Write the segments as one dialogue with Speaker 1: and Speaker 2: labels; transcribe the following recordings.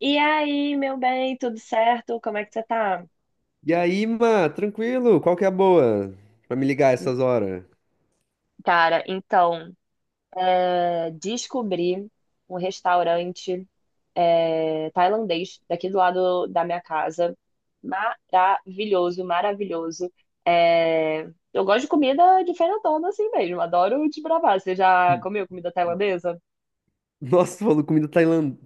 Speaker 1: E aí, meu bem, tudo certo? Como é que você tá?
Speaker 2: E aí, mano, tranquilo? Qual que é a boa pra me ligar essas horas?
Speaker 1: Cara, então, descobri um restaurante tailandês daqui do lado da minha casa. Maravilhoso, maravilhoso. É, eu gosto de comida diferentona assim mesmo, adoro desbravar. Você já comeu comida tailandesa?
Speaker 2: Nossa, tu falou comida tailandesa.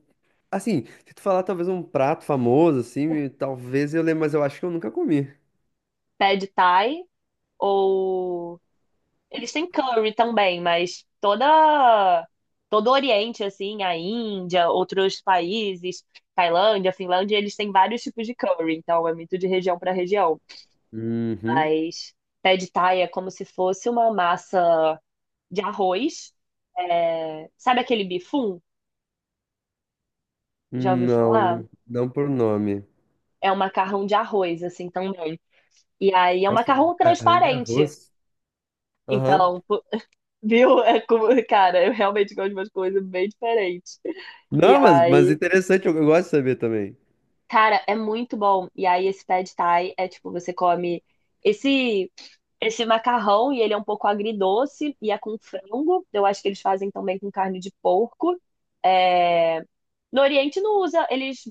Speaker 2: Assim, se tu falar talvez um prato famoso, assim, talvez eu lembre, mas eu acho que eu nunca comi.
Speaker 1: Pad Thai ou eles têm curry também, mas toda todo o Oriente assim, a Índia, outros países, Tailândia, Finlândia, eles têm vários tipos de curry, então é muito de região para região.
Speaker 2: Uhum.
Speaker 1: Mas pad thai é como se fosse uma massa de arroz. É, sabe aquele bifum? Já ouviu falar?
Speaker 2: Não, não por nome.
Speaker 1: É um macarrão de arroz assim também. E aí é um
Speaker 2: Nossa, um
Speaker 1: macarrão
Speaker 2: macarrão de
Speaker 1: transparente.
Speaker 2: arroz. Aham.
Speaker 1: Então, pô, viu? Cara, eu realmente gosto de umas coisas bem diferentes. E
Speaker 2: Não, mas
Speaker 1: aí,
Speaker 2: interessante, eu gosto de saber também.
Speaker 1: cara, é muito bom. E aí, esse pad thai é tipo, você come esse esse macarrão e ele é um pouco agridoce e é com frango. Eu acho que eles fazem também com carne de porco. É, no Oriente não usa, eles.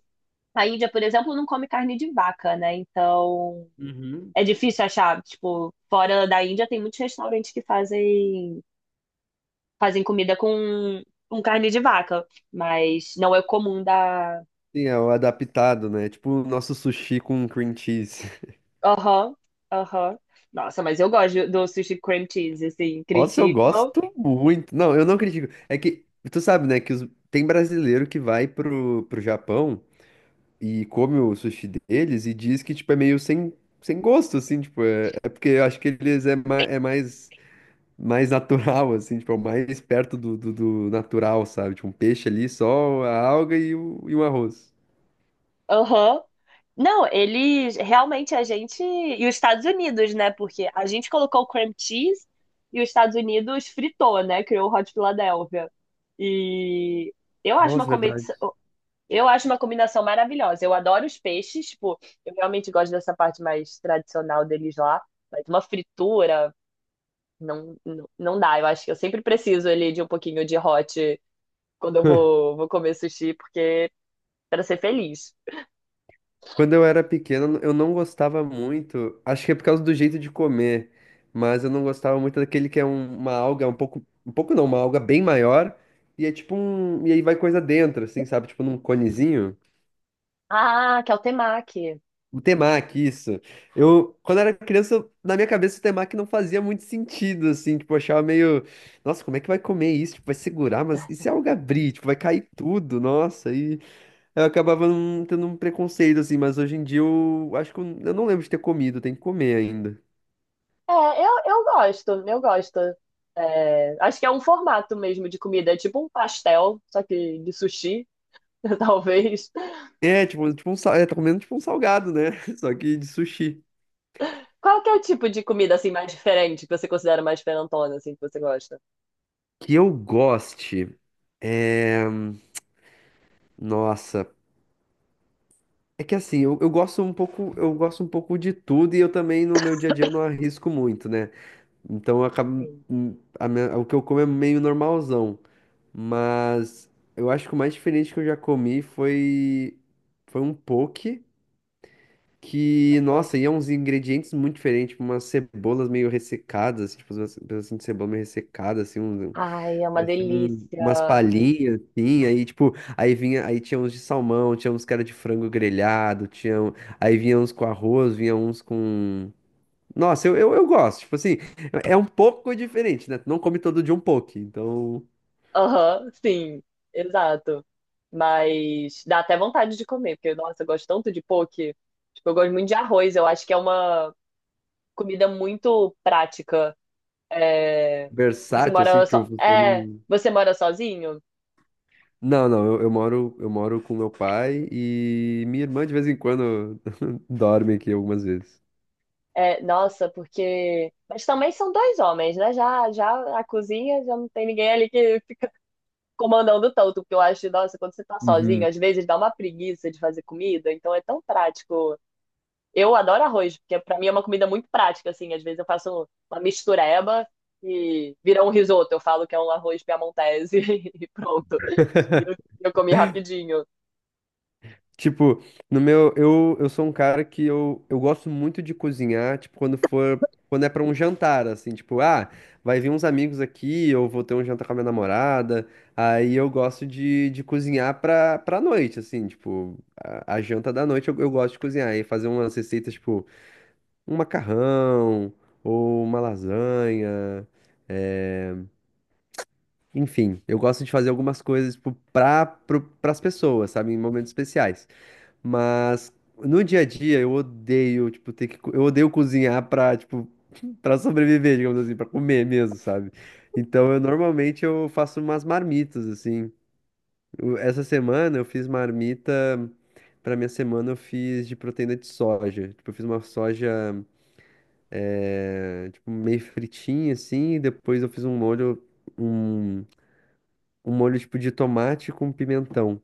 Speaker 1: A Índia, por exemplo, não come carne de vaca, né? Então
Speaker 2: Uhum.
Speaker 1: é difícil achar. Tipo, fora da Índia tem muitos restaurantes que fazem comida com carne de vaca, mas não é comum da
Speaker 2: Sim, é o adaptado, né? Tipo o nosso sushi com cream cheese.
Speaker 1: aham, aham. Nossa, mas eu gosto do sushi cream cheese, assim,
Speaker 2: Nossa, eu
Speaker 1: criticam.
Speaker 2: gosto muito. Não, eu não critico. É que, tu sabe, né, que tem brasileiro que vai pro Japão e come o sushi deles e diz que, tipo, é meio sem gosto, assim, tipo, é porque eu acho que é mais natural, assim, tipo, é o mais perto do natural, sabe? Tipo, um peixe ali, só a alga e um arroz.
Speaker 1: Aham. Não, eles realmente a gente. E os Estados Unidos, né? Porque a gente colocou o cream cheese e os Estados Unidos fritou, né? Criou o Hot Philadelphia. E eu acho uma
Speaker 2: Nossa, verdade.
Speaker 1: competição. Eu acho uma combinação maravilhosa. Eu adoro os peixes, tipo, eu realmente gosto dessa parte mais tradicional deles lá. Mas uma fritura, não, não, não dá. Eu acho que eu sempre preciso ali de um pouquinho de hot. Quando eu vou comer sushi, porque para ser feliz.
Speaker 2: Quando eu era pequeno, eu não gostava muito. Acho que é por causa do jeito de comer, mas eu não gostava muito daquele uma alga um pouco não, uma alga bem maior e é tipo um, e aí vai coisa dentro, assim, sabe? Tipo num conezinho.
Speaker 1: Ah, que é o temaki.
Speaker 2: O temaki, isso. Eu, quando era criança, na minha cabeça o temaki não fazia muito sentido, assim, tipo, eu achava meio, nossa, como é que vai comer isso? Tipo, vai segurar, mas e se a alga abrir? Tipo, vai cair tudo, nossa, e eu acabava não tendo um preconceito, assim, mas hoje em dia eu acho que eu não lembro de ter comido, tem que comer ainda.
Speaker 1: É, eu gosto, eu gosto. É, acho que é um formato mesmo de comida, é tipo um pastel, só que de sushi, talvez.
Speaker 2: É, tipo, tá comendo tipo um salgado, né? Só que de sushi.
Speaker 1: Qual que é o tipo de comida assim mais diferente que você considera mais diferentona, assim, que você gosta?
Speaker 2: Que eu goste. é, Nossa, é que assim, eu gosto um pouco, eu gosto um pouco de tudo e eu também no meu dia a dia eu não arrisco muito, né? Então eu acabo,
Speaker 1: Sim.
Speaker 2: o que eu como é meio normalzão, mas eu acho que o mais diferente que eu já comi foi um poke. Que, nossa, iam uns ingredientes muito diferentes, tipo umas cebolas meio ressecadas, assim, tipo umas pedacinhos de cebola meio ressecada, assim, um,
Speaker 1: Ai, é uma
Speaker 2: umas
Speaker 1: delícia.
Speaker 2: palhinhas, assim, aí, tipo, aí vinha, aí tinha uns de salmão, tinha uns que era de frango grelhado, tinha, aí vinha uns com arroz, vinha uns com... Nossa, eu gosto, tipo assim, é um pouco diferente, né? Tu não come todo dia um poke, então,
Speaker 1: Aham, sim, exato. Mas dá até vontade de comer, porque, nossa, eu gosto tanto de poke. Tipo, eu gosto muito de arroz, eu acho que é uma comida muito prática. É, você
Speaker 2: versátil, assim,
Speaker 1: mora so...
Speaker 2: tipo, funciona.
Speaker 1: é, você mora sozinho?
Speaker 2: Não, não, eu moro com meu pai e minha irmã de vez em quando dorme aqui algumas vezes.
Speaker 1: É, nossa, porque. Mas também são dois homens, né? Já a cozinha já não tem ninguém ali que fica comandando tanto, porque eu acho que, nossa, quando você tá sozinho,
Speaker 2: Uhum.
Speaker 1: às vezes dá uma preguiça de fazer comida, então é tão prático. Eu adoro arroz, porque pra mim é uma comida muito prática, assim. Às vezes eu faço uma mistureba e vira um risoto. Eu falo que é um arroz piamontese e pronto. E eu comi rapidinho.
Speaker 2: Tipo, no meu, eu sou um cara que eu gosto muito de cozinhar, tipo, quando é pra um jantar, assim, tipo, vai vir uns amigos aqui, eu vou ter um jantar com a minha namorada, aí eu gosto de cozinhar pra noite, assim, tipo, a janta da noite eu gosto de cozinhar e fazer umas receitas, tipo, um macarrão ou uma lasanha. eh, Enfim, eu gosto de fazer algumas coisas tipo, para as pessoas, sabe? Em momentos especiais. Mas no dia a dia eu odeio, tipo, eu odeio cozinhar para tipo, para sobreviver, digamos assim, para comer mesmo, sabe? Então eu normalmente eu faço umas marmitas, assim. Essa semana eu fiz marmita. Pra minha semana eu fiz de proteína de soja. Tipo, eu fiz uma soja. É, tipo, meio fritinha assim, e depois eu fiz um molho, um, um molho tipo de tomate com pimentão.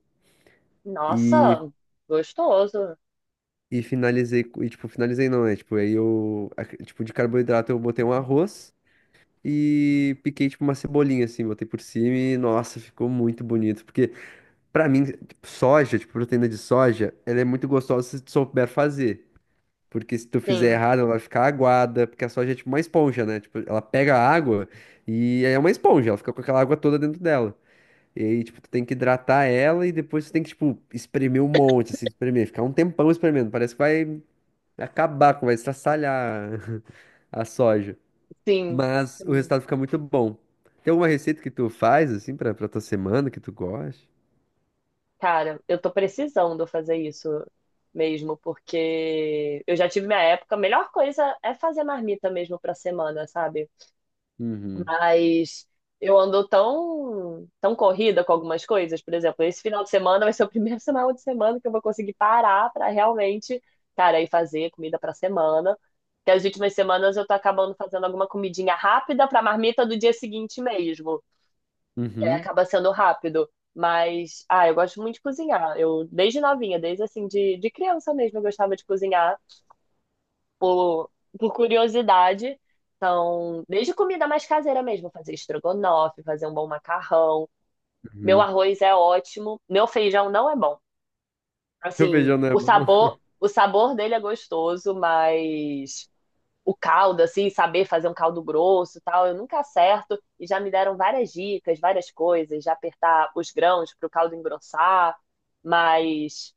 Speaker 2: E,
Speaker 1: Nossa, gostoso.
Speaker 2: e finalizei, e tipo, finalizei não, né? Tipo, aí eu, tipo, de carboidrato eu botei um arroz e piquei tipo uma cebolinha assim, botei por cima e nossa, ficou muito bonito, porque pra mim, tipo, soja, tipo, proteína de soja, ela é muito gostosa se tu souber fazer. Porque se tu fizer
Speaker 1: Sim,
Speaker 2: errado, ela vai ficar aguada, porque a soja é tipo uma esponja, né? Tipo, ela pega a água e aí é uma esponja, ela fica com aquela água toda dentro dela. E aí, tipo, tu tem que hidratar ela e depois tu tem que, tipo, espremer um monte, assim, espremer, ficar um tempão espremendo. Parece que vai acabar, vai estraçalhar a soja.
Speaker 1: sim,
Speaker 2: Mas o
Speaker 1: sim.
Speaker 2: resultado fica muito bom. Tem alguma receita que tu faz, assim, pra tua semana que tu goste?
Speaker 1: Cara, eu tô precisando fazer isso mesmo, porque eu já tive minha época. A melhor coisa é fazer marmita mesmo pra semana, sabe?
Speaker 2: Uhum.
Speaker 1: Mas eu ando tão corrida com algumas coisas. Por exemplo, esse final de semana vai ser o primeiro final de semana que eu vou conseguir parar pra realmente, cara, ir fazer comida pra semana. Que as últimas semanas eu tô acabando fazendo alguma comidinha rápida pra marmita do dia seguinte mesmo. E aí
Speaker 2: Uhum.
Speaker 1: acaba sendo rápido. Mas, ah, eu gosto muito de cozinhar. Eu, desde novinha, desde assim, de criança mesmo, eu gostava de cozinhar por, por curiosidade. Então, desde comida mais caseira mesmo, fazer estrogonofe, fazer um bom macarrão. Meu
Speaker 2: Uhum.
Speaker 1: arroz é ótimo, meu feijão não é bom.
Speaker 2: Porque o
Speaker 1: Assim,
Speaker 2: feijão não é bom.
Speaker 1: o sabor dele é gostoso, mas o caldo, assim, saber fazer um caldo grosso e tal. Eu nunca acerto e já me deram várias dicas, várias coisas, já apertar os grãos para o caldo engrossar. Mas,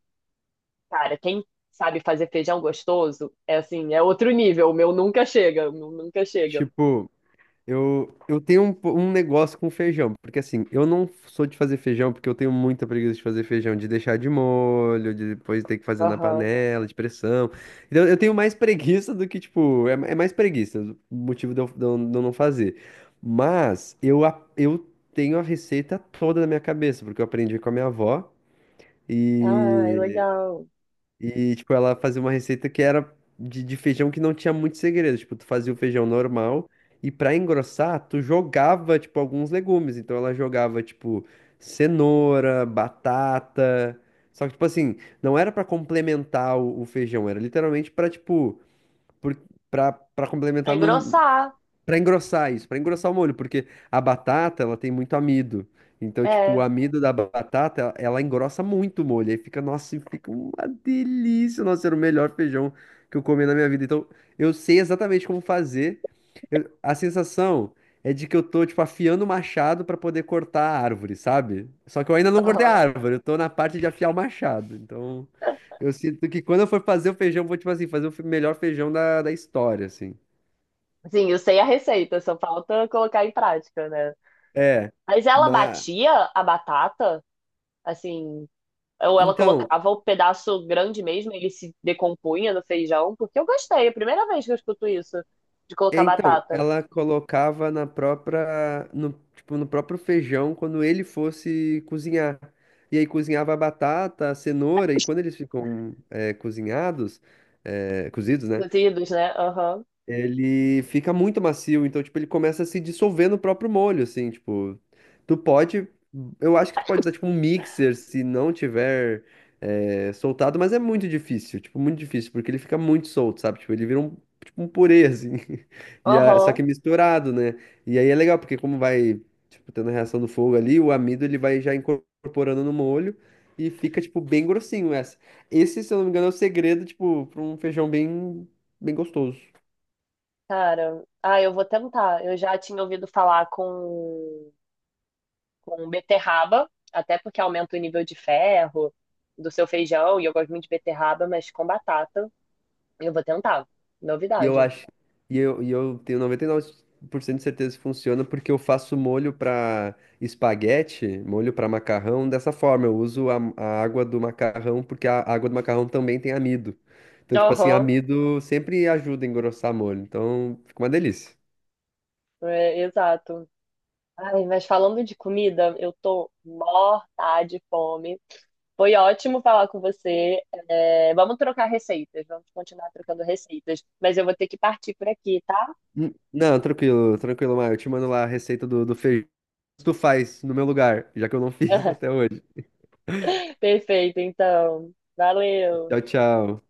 Speaker 1: cara, quem sabe fazer feijão gostoso é assim, é outro nível. O meu nunca chega, o meu nunca chega.
Speaker 2: Tipo, eu tenho um negócio com feijão, porque assim, eu não sou de fazer feijão porque eu tenho muita preguiça de fazer feijão, de deixar de molho, de depois ter que fazer na
Speaker 1: Aham.
Speaker 2: panela, de pressão. Então eu tenho mais preguiça do que, tipo, é mais preguiça, o motivo de eu não fazer. Mas eu tenho a receita toda na minha cabeça, porque eu aprendi com a minha avó.
Speaker 1: Ah, é
Speaker 2: E
Speaker 1: legal.
Speaker 2: e, tipo, ela fazia uma receita que era de feijão que não tinha muito segredo. Tipo, tu fazia o feijão normal e pra engrossar, tu jogava, tipo, alguns legumes. Então ela jogava, tipo, cenoura, batata. Só que, tipo assim, não era pra complementar o feijão, era literalmente pra, tipo, por, pra
Speaker 1: Pra
Speaker 2: complementar
Speaker 1: engrossar,
Speaker 2: pra engrossar isso, pra engrossar o molho, porque a batata, ela tem muito amido. Então, tipo, o
Speaker 1: é.
Speaker 2: amido da batata, ela engrossa muito o molho. Aí fica, nossa, e fica uma delícia. Nossa, era o melhor feijão que eu comi na minha vida. Então, eu sei exatamente como fazer. A sensação é de que eu tô, tipo, afiando o machado pra poder cortar a árvore, sabe? Só que eu ainda não cortei a
Speaker 1: Aham.
Speaker 2: árvore, eu tô na parte de afiar o machado. Então, eu sinto que quando eu for fazer o feijão, eu vou, tipo assim, fazer o melhor feijão da história, assim.
Speaker 1: Sim, eu sei a receita, só falta colocar em prática, né?
Speaker 2: É.
Speaker 1: Mas ela
Speaker 2: Mas,
Speaker 1: batia a batata, assim, ou ela
Speaker 2: Então,
Speaker 1: colocava o pedaço grande mesmo, ele se decompunha no feijão, porque eu gostei, é a primeira vez que eu escuto isso, de colocar
Speaker 2: então,
Speaker 1: batata.
Speaker 2: ela colocava na própria, no, tipo, no próprio feijão quando ele fosse cozinhar. E aí cozinhava a batata, a cenoura, e quando eles ficam cozinhados, cozidos, né?
Speaker 1: Cozidos, né? Aham.
Speaker 2: Ele fica muito macio, então, tipo, ele começa a se dissolver no próprio molho, assim, tipo, tu pode, eu acho que tu pode usar, tipo, um mixer se não tiver soltado, mas é muito difícil, tipo, muito difícil, porque ele fica muito solto, sabe, tipo, ele vira um, tipo, um purê, assim, só
Speaker 1: Aham.
Speaker 2: que misturado, né, e aí é legal, porque como vai, tipo, tendo a reação do fogo ali, o amido, ele vai já incorporando no molho. E fica, tipo, bem grossinho essa. Esse, se eu não me engano, é o segredo, tipo, pra um feijão bem, bem gostoso.
Speaker 1: Cara, ah, eu vou tentar. Eu já tinha ouvido falar com beterraba, até porque aumenta o nível de ferro do seu feijão, e eu gosto muito de beterraba, mas com batata, eu vou tentar.
Speaker 2: E eu
Speaker 1: Novidade.
Speaker 2: acho. E eu tenho 99% de certeza que funciona porque eu faço molho para espaguete, molho para macarrão dessa forma. Eu uso a água do macarrão porque a água do macarrão também tem amido. Então, tipo assim,
Speaker 1: Aham,
Speaker 2: amido sempre ajuda a engrossar molho. Então, fica uma delícia.
Speaker 1: é, exato. Ai, mas falando de comida, eu tô morta de fome. Foi ótimo falar com você. É, vamos trocar receitas, vamos continuar trocando receitas. Mas eu vou ter que partir por aqui, tá?
Speaker 2: Não, tranquilo, tranquilo, Maio. Eu te mando lá a receita do feijão. Tu faz no meu lugar, já que eu não fiz até hoje.
Speaker 1: Perfeito, então. Valeu.
Speaker 2: Tchau, tchau.